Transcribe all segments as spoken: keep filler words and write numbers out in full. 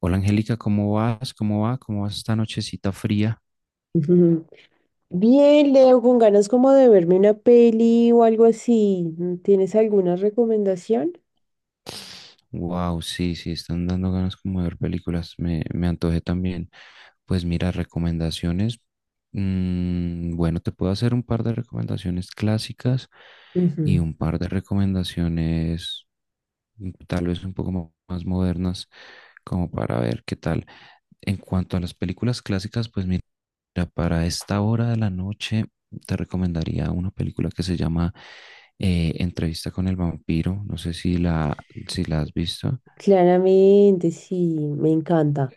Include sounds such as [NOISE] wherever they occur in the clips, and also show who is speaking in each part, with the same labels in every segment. Speaker 1: Hola Angélica, ¿cómo vas? ¿Cómo va? ¿Cómo vas esta nochecita fría?
Speaker 2: Ujú. Bien, Leo, con ganas como de verme una peli o algo así. Mm, ¿Tienes alguna recomendación?
Speaker 1: Wow, sí, sí, están dando ganas como de ver películas. Me, me antojé también. Pues mira, recomendaciones. Mm, bueno, te puedo hacer un par de recomendaciones clásicas
Speaker 2: Ujú.
Speaker 1: y un par de recomendaciones mm, tal vez un poco mo- más modernas, como para ver qué tal. En cuanto a las películas clásicas, pues mira, para esta hora de la noche te recomendaría una película que se llama eh, Entrevista con el vampiro. No sé si la, si la has visto,
Speaker 2: Claramente, sí, me encanta.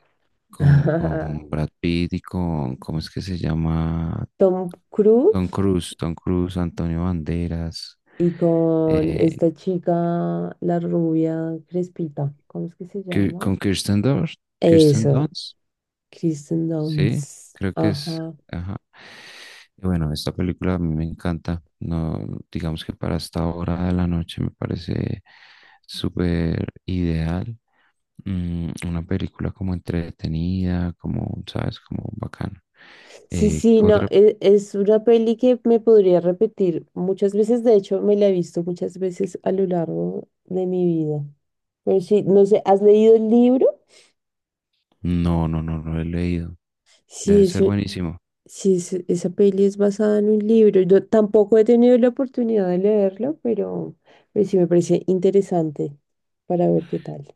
Speaker 1: con,
Speaker 2: [LAUGHS]
Speaker 1: con Brad Pitt y con, ¿cómo es que se llama?
Speaker 2: Tom Cruise
Speaker 1: Tom Cruise, Tom Cruise, Antonio Banderas,
Speaker 2: y con
Speaker 1: eh,
Speaker 2: esta chica, la rubia crespita, ¿cómo es que se
Speaker 1: Ki-
Speaker 2: llama?
Speaker 1: con Kirsten Dunst, Kirsten
Speaker 2: Eso,
Speaker 1: Dunst.
Speaker 2: Kristen
Speaker 1: Sí,
Speaker 2: Dunst.
Speaker 1: creo que es.
Speaker 2: Ajá.
Speaker 1: Ajá. Y bueno, esta película a mí me encanta. No, digamos que para esta hora de la noche me parece súper ideal. Mm, una película como entretenida, como, ¿sabes? Como bacana.
Speaker 2: Sí,
Speaker 1: Eh,
Speaker 2: sí, no,
Speaker 1: otra,
Speaker 2: e- es, una peli que me podría repetir muchas veces, de hecho me la he visto muchas veces a lo largo de mi vida. Pero sí, no sé, ¿has leído el libro?
Speaker 1: no, no, no, no lo he leído.
Speaker 2: Sí,
Speaker 1: Debe
Speaker 2: es
Speaker 1: ser
Speaker 2: un-
Speaker 1: buenísimo.
Speaker 2: sí es- esa peli es basada en un libro. Yo tampoco he tenido la oportunidad de leerlo, pero, pero sí me parece interesante para ver qué tal.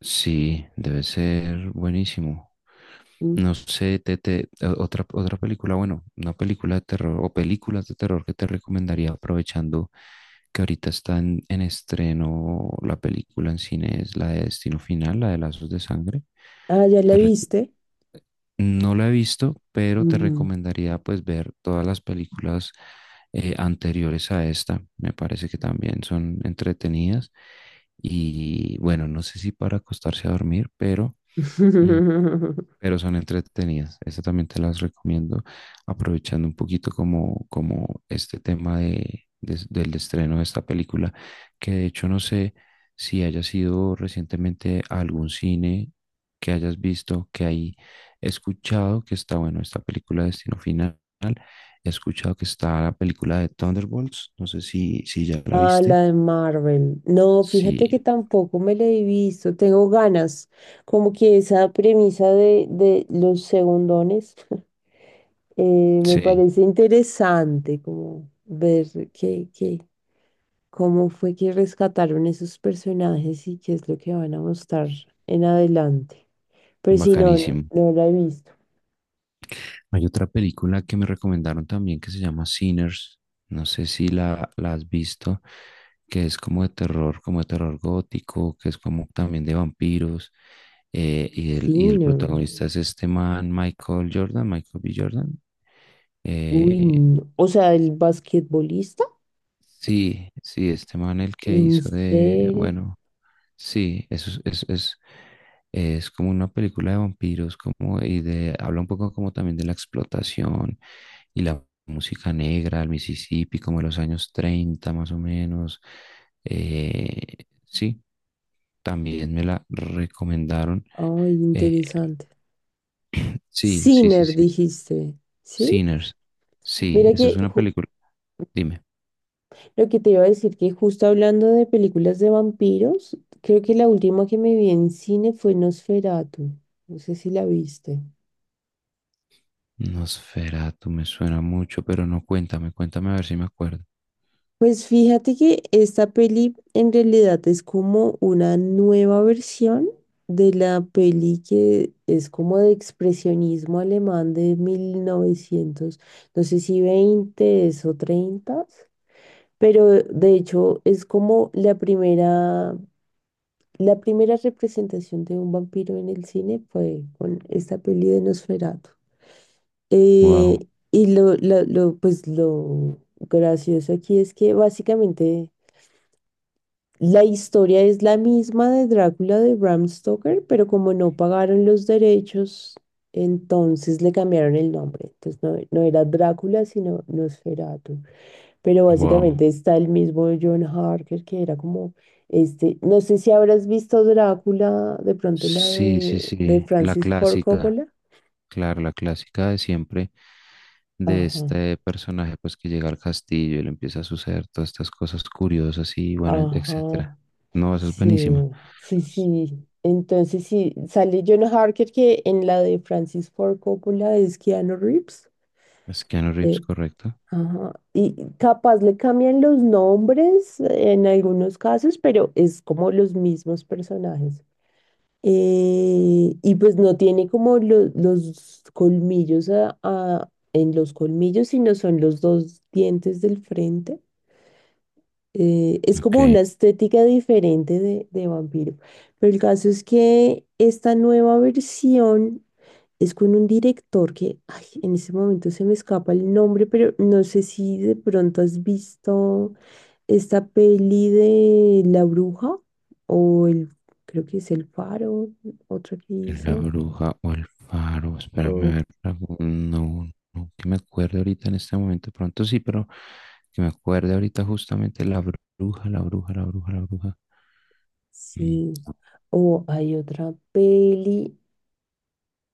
Speaker 1: Sí, debe ser buenísimo.
Speaker 2: Mm.
Speaker 1: No sé, te, te- o- otra, otra película, bueno, una película de terror o películas de terror que te recomendaría aprovechando que ahorita está en, en estreno la película en cine es la de Destino Final, la de Lazos de Sangre.
Speaker 2: Ah, ¿ya la
Speaker 1: Te rec-
Speaker 2: viste?
Speaker 1: no la he visto, pero te
Speaker 2: Ujú.
Speaker 1: recomendaría pues ver todas las películas eh, anteriores a esta. Me parece que también son entretenidas. Y bueno, no sé si para acostarse a dormir, pero... Mm,
Speaker 2: [LAUGHS]
Speaker 1: pero son entretenidas. Esta también te las recomiendo, aprovechando un poquito como, como este tema de, de- del estreno de esta película, que de hecho no sé si haya sido recientemente a algún cine que hayas visto, que hay escuchado que está, bueno, esta película Destino Final, he escuchado que está la película de Thunderbolts, no sé si, si ya la
Speaker 2: Ah,
Speaker 1: viste.
Speaker 2: la de Marvel. No, fíjate que
Speaker 1: Sí,
Speaker 2: tampoco me la he visto. Tengo ganas. Como que esa premisa de, de los segundones. [LAUGHS] Eh, me
Speaker 1: sí,
Speaker 2: parece interesante, como ver qué, qué, cómo fue que rescataron esos personajes y qué es lo que van a mostrar en adelante. Pero si no, no,
Speaker 1: bacanísimo.
Speaker 2: no la he visto.
Speaker 1: Hay otra película que me recomendaron también que se llama Sinners. No sé si la, la has visto, que es como de terror, como de terror gótico, que es como también de vampiros. eh, y, el,
Speaker 2: Sí,
Speaker 1: y el
Speaker 2: no.
Speaker 1: protagonista es este man, Michael Jordan, Michael B. Jordan.
Speaker 2: Uy,
Speaker 1: eh,
Speaker 2: no. O sea, el basquetbolista.
Speaker 1: sí, sí, este man el que
Speaker 2: En
Speaker 1: hizo de,
Speaker 2: serio.
Speaker 1: bueno, sí, eso es, es, es, es como una película de vampiros, como, y de, habla un poco como también de la explotación y la música negra, el Mississippi, como de los años treinta más o menos. Eh, sí, también me la recomendaron.
Speaker 2: Ay,
Speaker 1: Eh,
Speaker 2: interesante.
Speaker 1: sí, sí, sí,
Speaker 2: Sinner,
Speaker 1: sí.
Speaker 2: dijiste, ¿sí?
Speaker 1: Sinners. Sí,
Speaker 2: Mira
Speaker 1: esa es
Speaker 2: que
Speaker 1: una
Speaker 2: ju-
Speaker 1: película. Dime.
Speaker 2: lo que te iba a decir, que justo hablando de películas de vampiros, creo que la última que me vi en cine fue Nosferatu. No sé si la viste.
Speaker 1: Nosferatu me suena mucho, pero no, cuéntame, cuéntame a ver si me acuerdo.
Speaker 2: Pues fíjate que esta peli en realidad es como una nueva versión de la peli que es como de expresionismo alemán de mil novecientos, no sé si veinte o treinta. Pero de hecho es como la primera, la primera representación de un vampiro en el cine fue con esta peli de Nosferatu.
Speaker 1: Wow,
Speaker 2: Eh, y lo, lo, lo, pues lo gracioso aquí es que básicamente la historia es la misma de Drácula de Bram Stoker, pero como no pagaron los derechos, entonces le cambiaron el nombre. Entonces no, no era Drácula, sino Nosferatu. Pero
Speaker 1: wow.
Speaker 2: básicamente está el mismo John Harker que era como este, no sé si habrás visto Drácula, de pronto la
Speaker 1: Sí, sí,
Speaker 2: de, de
Speaker 1: sí, la
Speaker 2: Francis Ford
Speaker 1: clásica,
Speaker 2: Coppola.
Speaker 1: claro, la clásica de siempre de
Speaker 2: Ajá,
Speaker 1: este personaje pues que llega al castillo y le empieza a suceder todas estas cosas curiosas y bueno,
Speaker 2: ajá,
Speaker 1: etcétera. No, eso es
Speaker 2: sí,
Speaker 1: buenísimo.
Speaker 2: sí, sí. Entonces sí, sale John Harker que en la de Francis Ford Coppola es Keanu Reeves.
Speaker 1: Es Keanu Reeves,
Speaker 2: eh,
Speaker 1: correcto.
Speaker 2: ajá. Y capaz le cambian los nombres en algunos casos, pero es como los mismos personajes. Eh, y pues no tiene como lo- los colmillos a- a- en los colmillos, sino son los dos dientes del frente. Eh, es
Speaker 1: Ok,
Speaker 2: como una estética diferente de, de vampiro. Pero el caso es que esta nueva versión es con un director que, ay, en este momento se me escapa el nombre, pero no sé si de pronto has visto esta peli de La Bruja, o el, creo que es El Faro, otra que
Speaker 1: la
Speaker 2: hizo,
Speaker 1: bruja o el faro, espérame a
Speaker 2: o
Speaker 1: ver, algún- no, no, no, que me acuerde ahorita en este momento, pronto sí, pero que me acuerde ahorita justamente la bruja, la bruja, la bruja, la bruja. Mm,
Speaker 2: sí, o hay otra peli,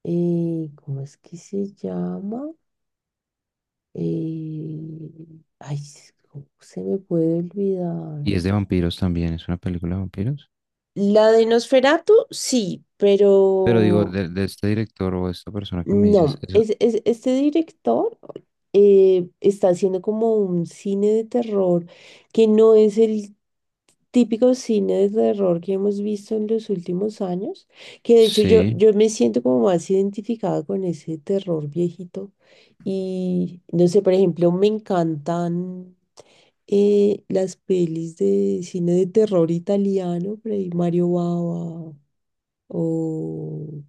Speaker 2: eh, ¿cómo es que se llama? Eh, ay, ¿cómo se me puede olvidar?
Speaker 1: y es de vampiros también, es una película de vampiros.
Speaker 2: La de Nosferatu, sí,
Speaker 1: Pero digo,
Speaker 2: pero
Speaker 1: de, de este director o esta persona que me dices,
Speaker 2: no,
Speaker 1: eso
Speaker 2: es, es- este director eh, está haciendo como un cine de terror que no es el típico cine de terror que hemos visto en los últimos años, que de hecho yo,
Speaker 1: sí,
Speaker 2: yo me siento como más identificada con ese terror viejito. Y no sé, por ejemplo, me encantan eh, las pelis de cine de terror italiano, por ahí Mario Bava o...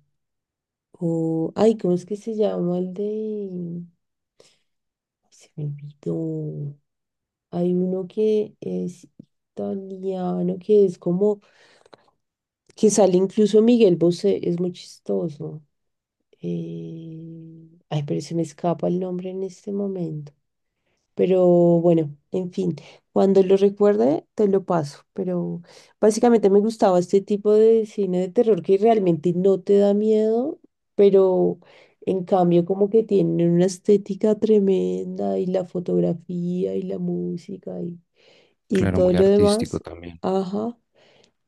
Speaker 2: O, ay, ¿cómo es que se llama el de...? Ay, se me olvidó. Hay uno que es italiano, que es como... que sale incluso Miguel Bosé, es muy chistoso. Eh, Ay, pero se me escapa el nombre en este momento. Pero bueno, en fin, cuando lo recuerde te lo paso. Pero básicamente me gustaba este tipo de cine de terror que realmente no te da miedo, pero en cambio como que tiene una estética tremenda y la fotografía y la música y, y
Speaker 1: claro,
Speaker 2: todo
Speaker 1: muy
Speaker 2: lo
Speaker 1: artístico
Speaker 2: demás.
Speaker 1: también.
Speaker 2: Ajá.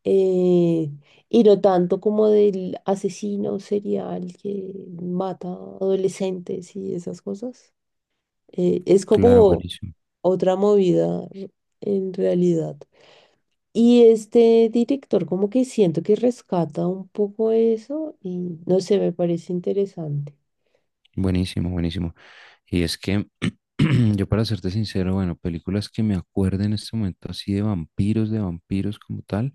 Speaker 2: Eh, y no tanto como del asesino serial que mata adolescentes y esas cosas, eh, es
Speaker 1: Claro,
Speaker 2: como
Speaker 1: buenísimo,
Speaker 2: otra movida r- en realidad. Y este director como que siento que rescata un poco eso y no sé, me parece interesante.
Speaker 1: buenísimo, buenísimo. Y es que [CLEARS THROAT] yo para serte sincero, bueno, películas que me acuerdo en este momento así de vampiros, de vampiros como tal,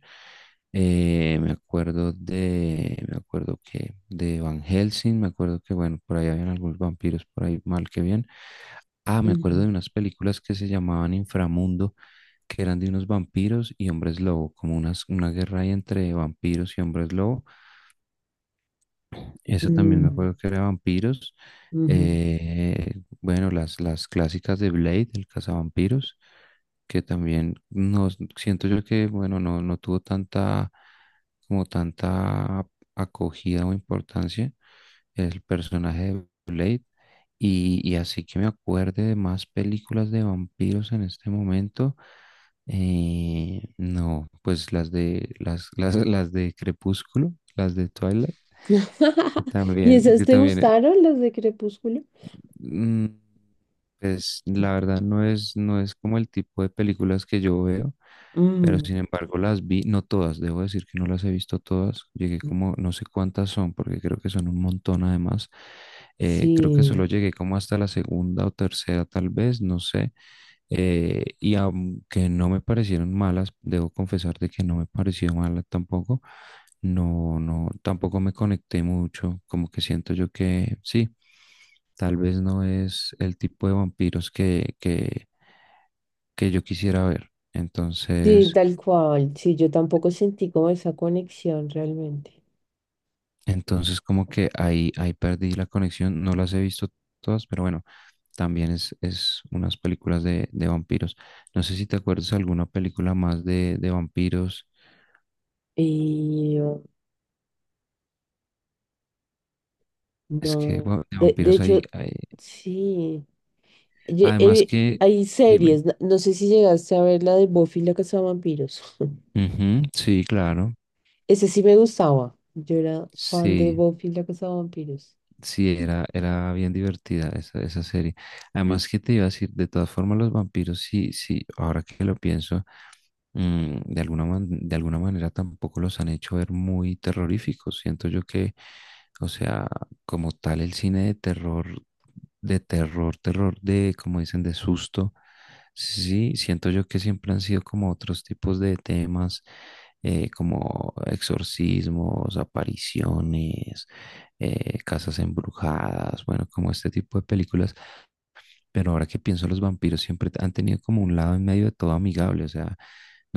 Speaker 1: eh, me acuerdo de, me acuerdo que de Van Helsing, me acuerdo que, bueno, por ahí habían algunos vampiros por ahí mal que bien. Ah, me acuerdo
Speaker 2: Ujú.
Speaker 1: de unas películas que se llamaban Inframundo que eran de unos vampiros y hombres lobo, como unas, una guerra ahí entre vampiros y hombres lobo. Eso también me
Speaker 2: Mm,
Speaker 1: acuerdo que era vampiros.
Speaker 2: ujú.
Speaker 1: Eh, bueno, las, las clásicas de Blade, el cazavampiros, que también no, siento yo que, bueno, no, no tuvo tanta, como tanta acogida o importancia el personaje de Blade. Y, y así que me acuerde de más películas de vampiros en este momento. Eh, no, pues las de las, [LAUGHS] las, las de Crepúsculo, las de Twilight, que
Speaker 2: [LAUGHS] ¿Y
Speaker 1: también,
Speaker 2: esas
Speaker 1: que
Speaker 2: te
Speaker 1: también
Speaker 2: gustaron, las de Crepúsculo?
Speaker 1: mm, pues la verdad no es, no es como el tipo de películas que yo veo, pero
Speaker 2: Mm,
Speaker 1: sin embargo las vi, no todas, debo decir que no las he visto todas, llegué como, no sé cuántas son, porque creo que son un montón además, eh, creo que
Speaker 2: sí,
Speaker 1: solo llegué como hasta la segunda o tercera tal vez, no sé, eh, y aunque no me parecieron malas, debo confesar de que no me pareció mala tampoco. No, no, tampoco me conecté mucho, como que siento yo que sí, tal vez no es el tipo de vampiros que, que, que yo quisiera ver.
Speaker 2: sí,
Speaker 1: Entonces,
Speaker 2: tal cual. Sí, yo tampoco sentí como esa conexión realmente.
Speaker 1: entonces como que ahí, ahí perdí la conexión, no las he visto todas, pero bueno, también es, es unas películas de, de vampiros. No sé si te acuerdas alguna película más de, de vampiros.
Speaker 2: Y oh,
Speaker 1: Es que
Speaker 2: no,
Speaker 1: bueno, de
Speaker 2: de, de
Speaker 1: vampiros hay,
Speaker 2: hecho,
Speaker 1: hay-
Speaker 2: sí. Ye-
Speaker 1: Además
Speaker 2: eh,
Speaker 1: que,
Speaker 2: Hay
Speaker 1: dime.
Speaker 2: series, no, no sé si llegaste a ver la de Buffy la cazavampiros. [LAUGHS]
Speaker 1: Ujú, sí, claro.
Speaker 2: Ese sí me gustaba. Yo era fan de
Speaker 1: Sí.
Speaker 2: Buffy la cazavampiros.
Speaker 1: Sí, era, era bien divertida esa, esa serie. Además, ¿que te iba a decir? De todas formas, los vampiros, sí, sí, ahora que lo pienso, mm, de alguna, man- de alguna manera tampoco los han hecho ver muy terroríficos. Siento yo que, o sea, como tal, el cine de terror, de terror, terror, de, como dicen, de susto, sí, siento yo que siempre han sido como otros tipos de temas, eh, como exorcismos, apariciones, eh, Casas Embrujadas, bueno, como este tipo de películas. Pero ahora que pienso, los vampiros siempre han tenido como un lado en medio de todo amigable, o sea,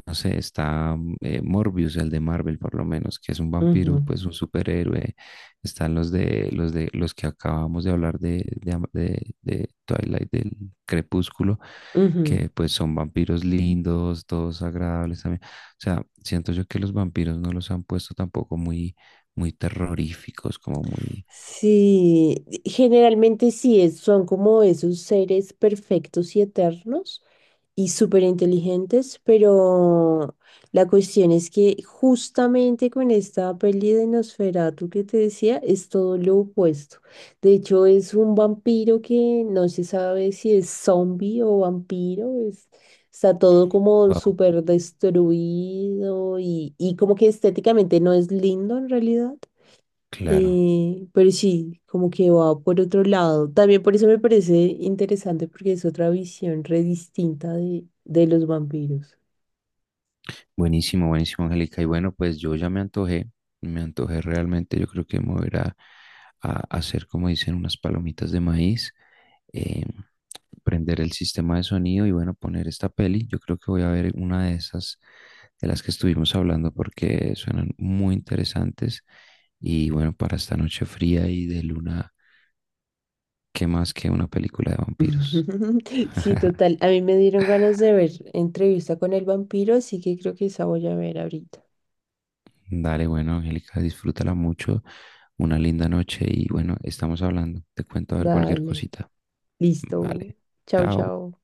Speaker 1: no sé, está mm, eh, Morbius, el de Marvel por lo menos, que es un vampiro,
Speaker 2: Ujú,
Speaker 1: pues un superhéroe. Están los de los de los que acabamos de hablar de, de, am- de- de Twilight, del Crepúsculo,
Speaker 2: ujú.
Speaker 1: que pues son vampiros lindos, todos agradables también. O sea, siento yo que los vampiros no los han puesto tampoco muy, muy terroríficos, como muy...
Speaker 2: Sí, generalmente sí, es- son como esos seres perfectos y eternos y súper inteligentes, pero la cuestión es que justamente con esta peli de Nosferatu que te decía, es todo lo opuesto. De hecho, es un vampiro que no se sabe si es zombie o vampiro, es- está todo como
Speaker 1: Wow,
Speaker 2: súper destruido y, y como que estéticamente no es lindo en realidad.
Speaker 1: claro.
Speaker 2: Eh, pero sí, como que va por otro lado. También por eso me parece interesante porque es otra visión re distinta de, de los vampiros.
Speaker 1: Buenísimo, buenísimo, Angélica. Y bueno, pues yo ya me antojé, me antojé realmente. Yo creo que me voy a, ir a- a hacer, como dicen, unas palomitas de maíz, eh, prender el sistema de sonido y bueno, poner esta peli. Yo creo que voy a ver una de esas de las que estuvimos hablando porque suenan muy interesantes. Y bueno, para esta noche fría y de luna, ¿qué más que una película de vampiros?
Speaker 2: [LAUGHS] Sí, total. A mí me dieron ganas de ver entrevista con el vampiro, así que creo que esa voy a ver ahorita.
Speaker 1: Dale, bueno, Angélica, disfrútala mucho. Una linda noche y bueno, estamos hablando. Te cuento a ver cualquier
Speaker 2: Dale,
Speaker 1: cosita.
Speaker 2: listo.
Speaker 1: Vale,
Speaker 2: Chao,
Speaker 1: chao.
Speaker 2: chao.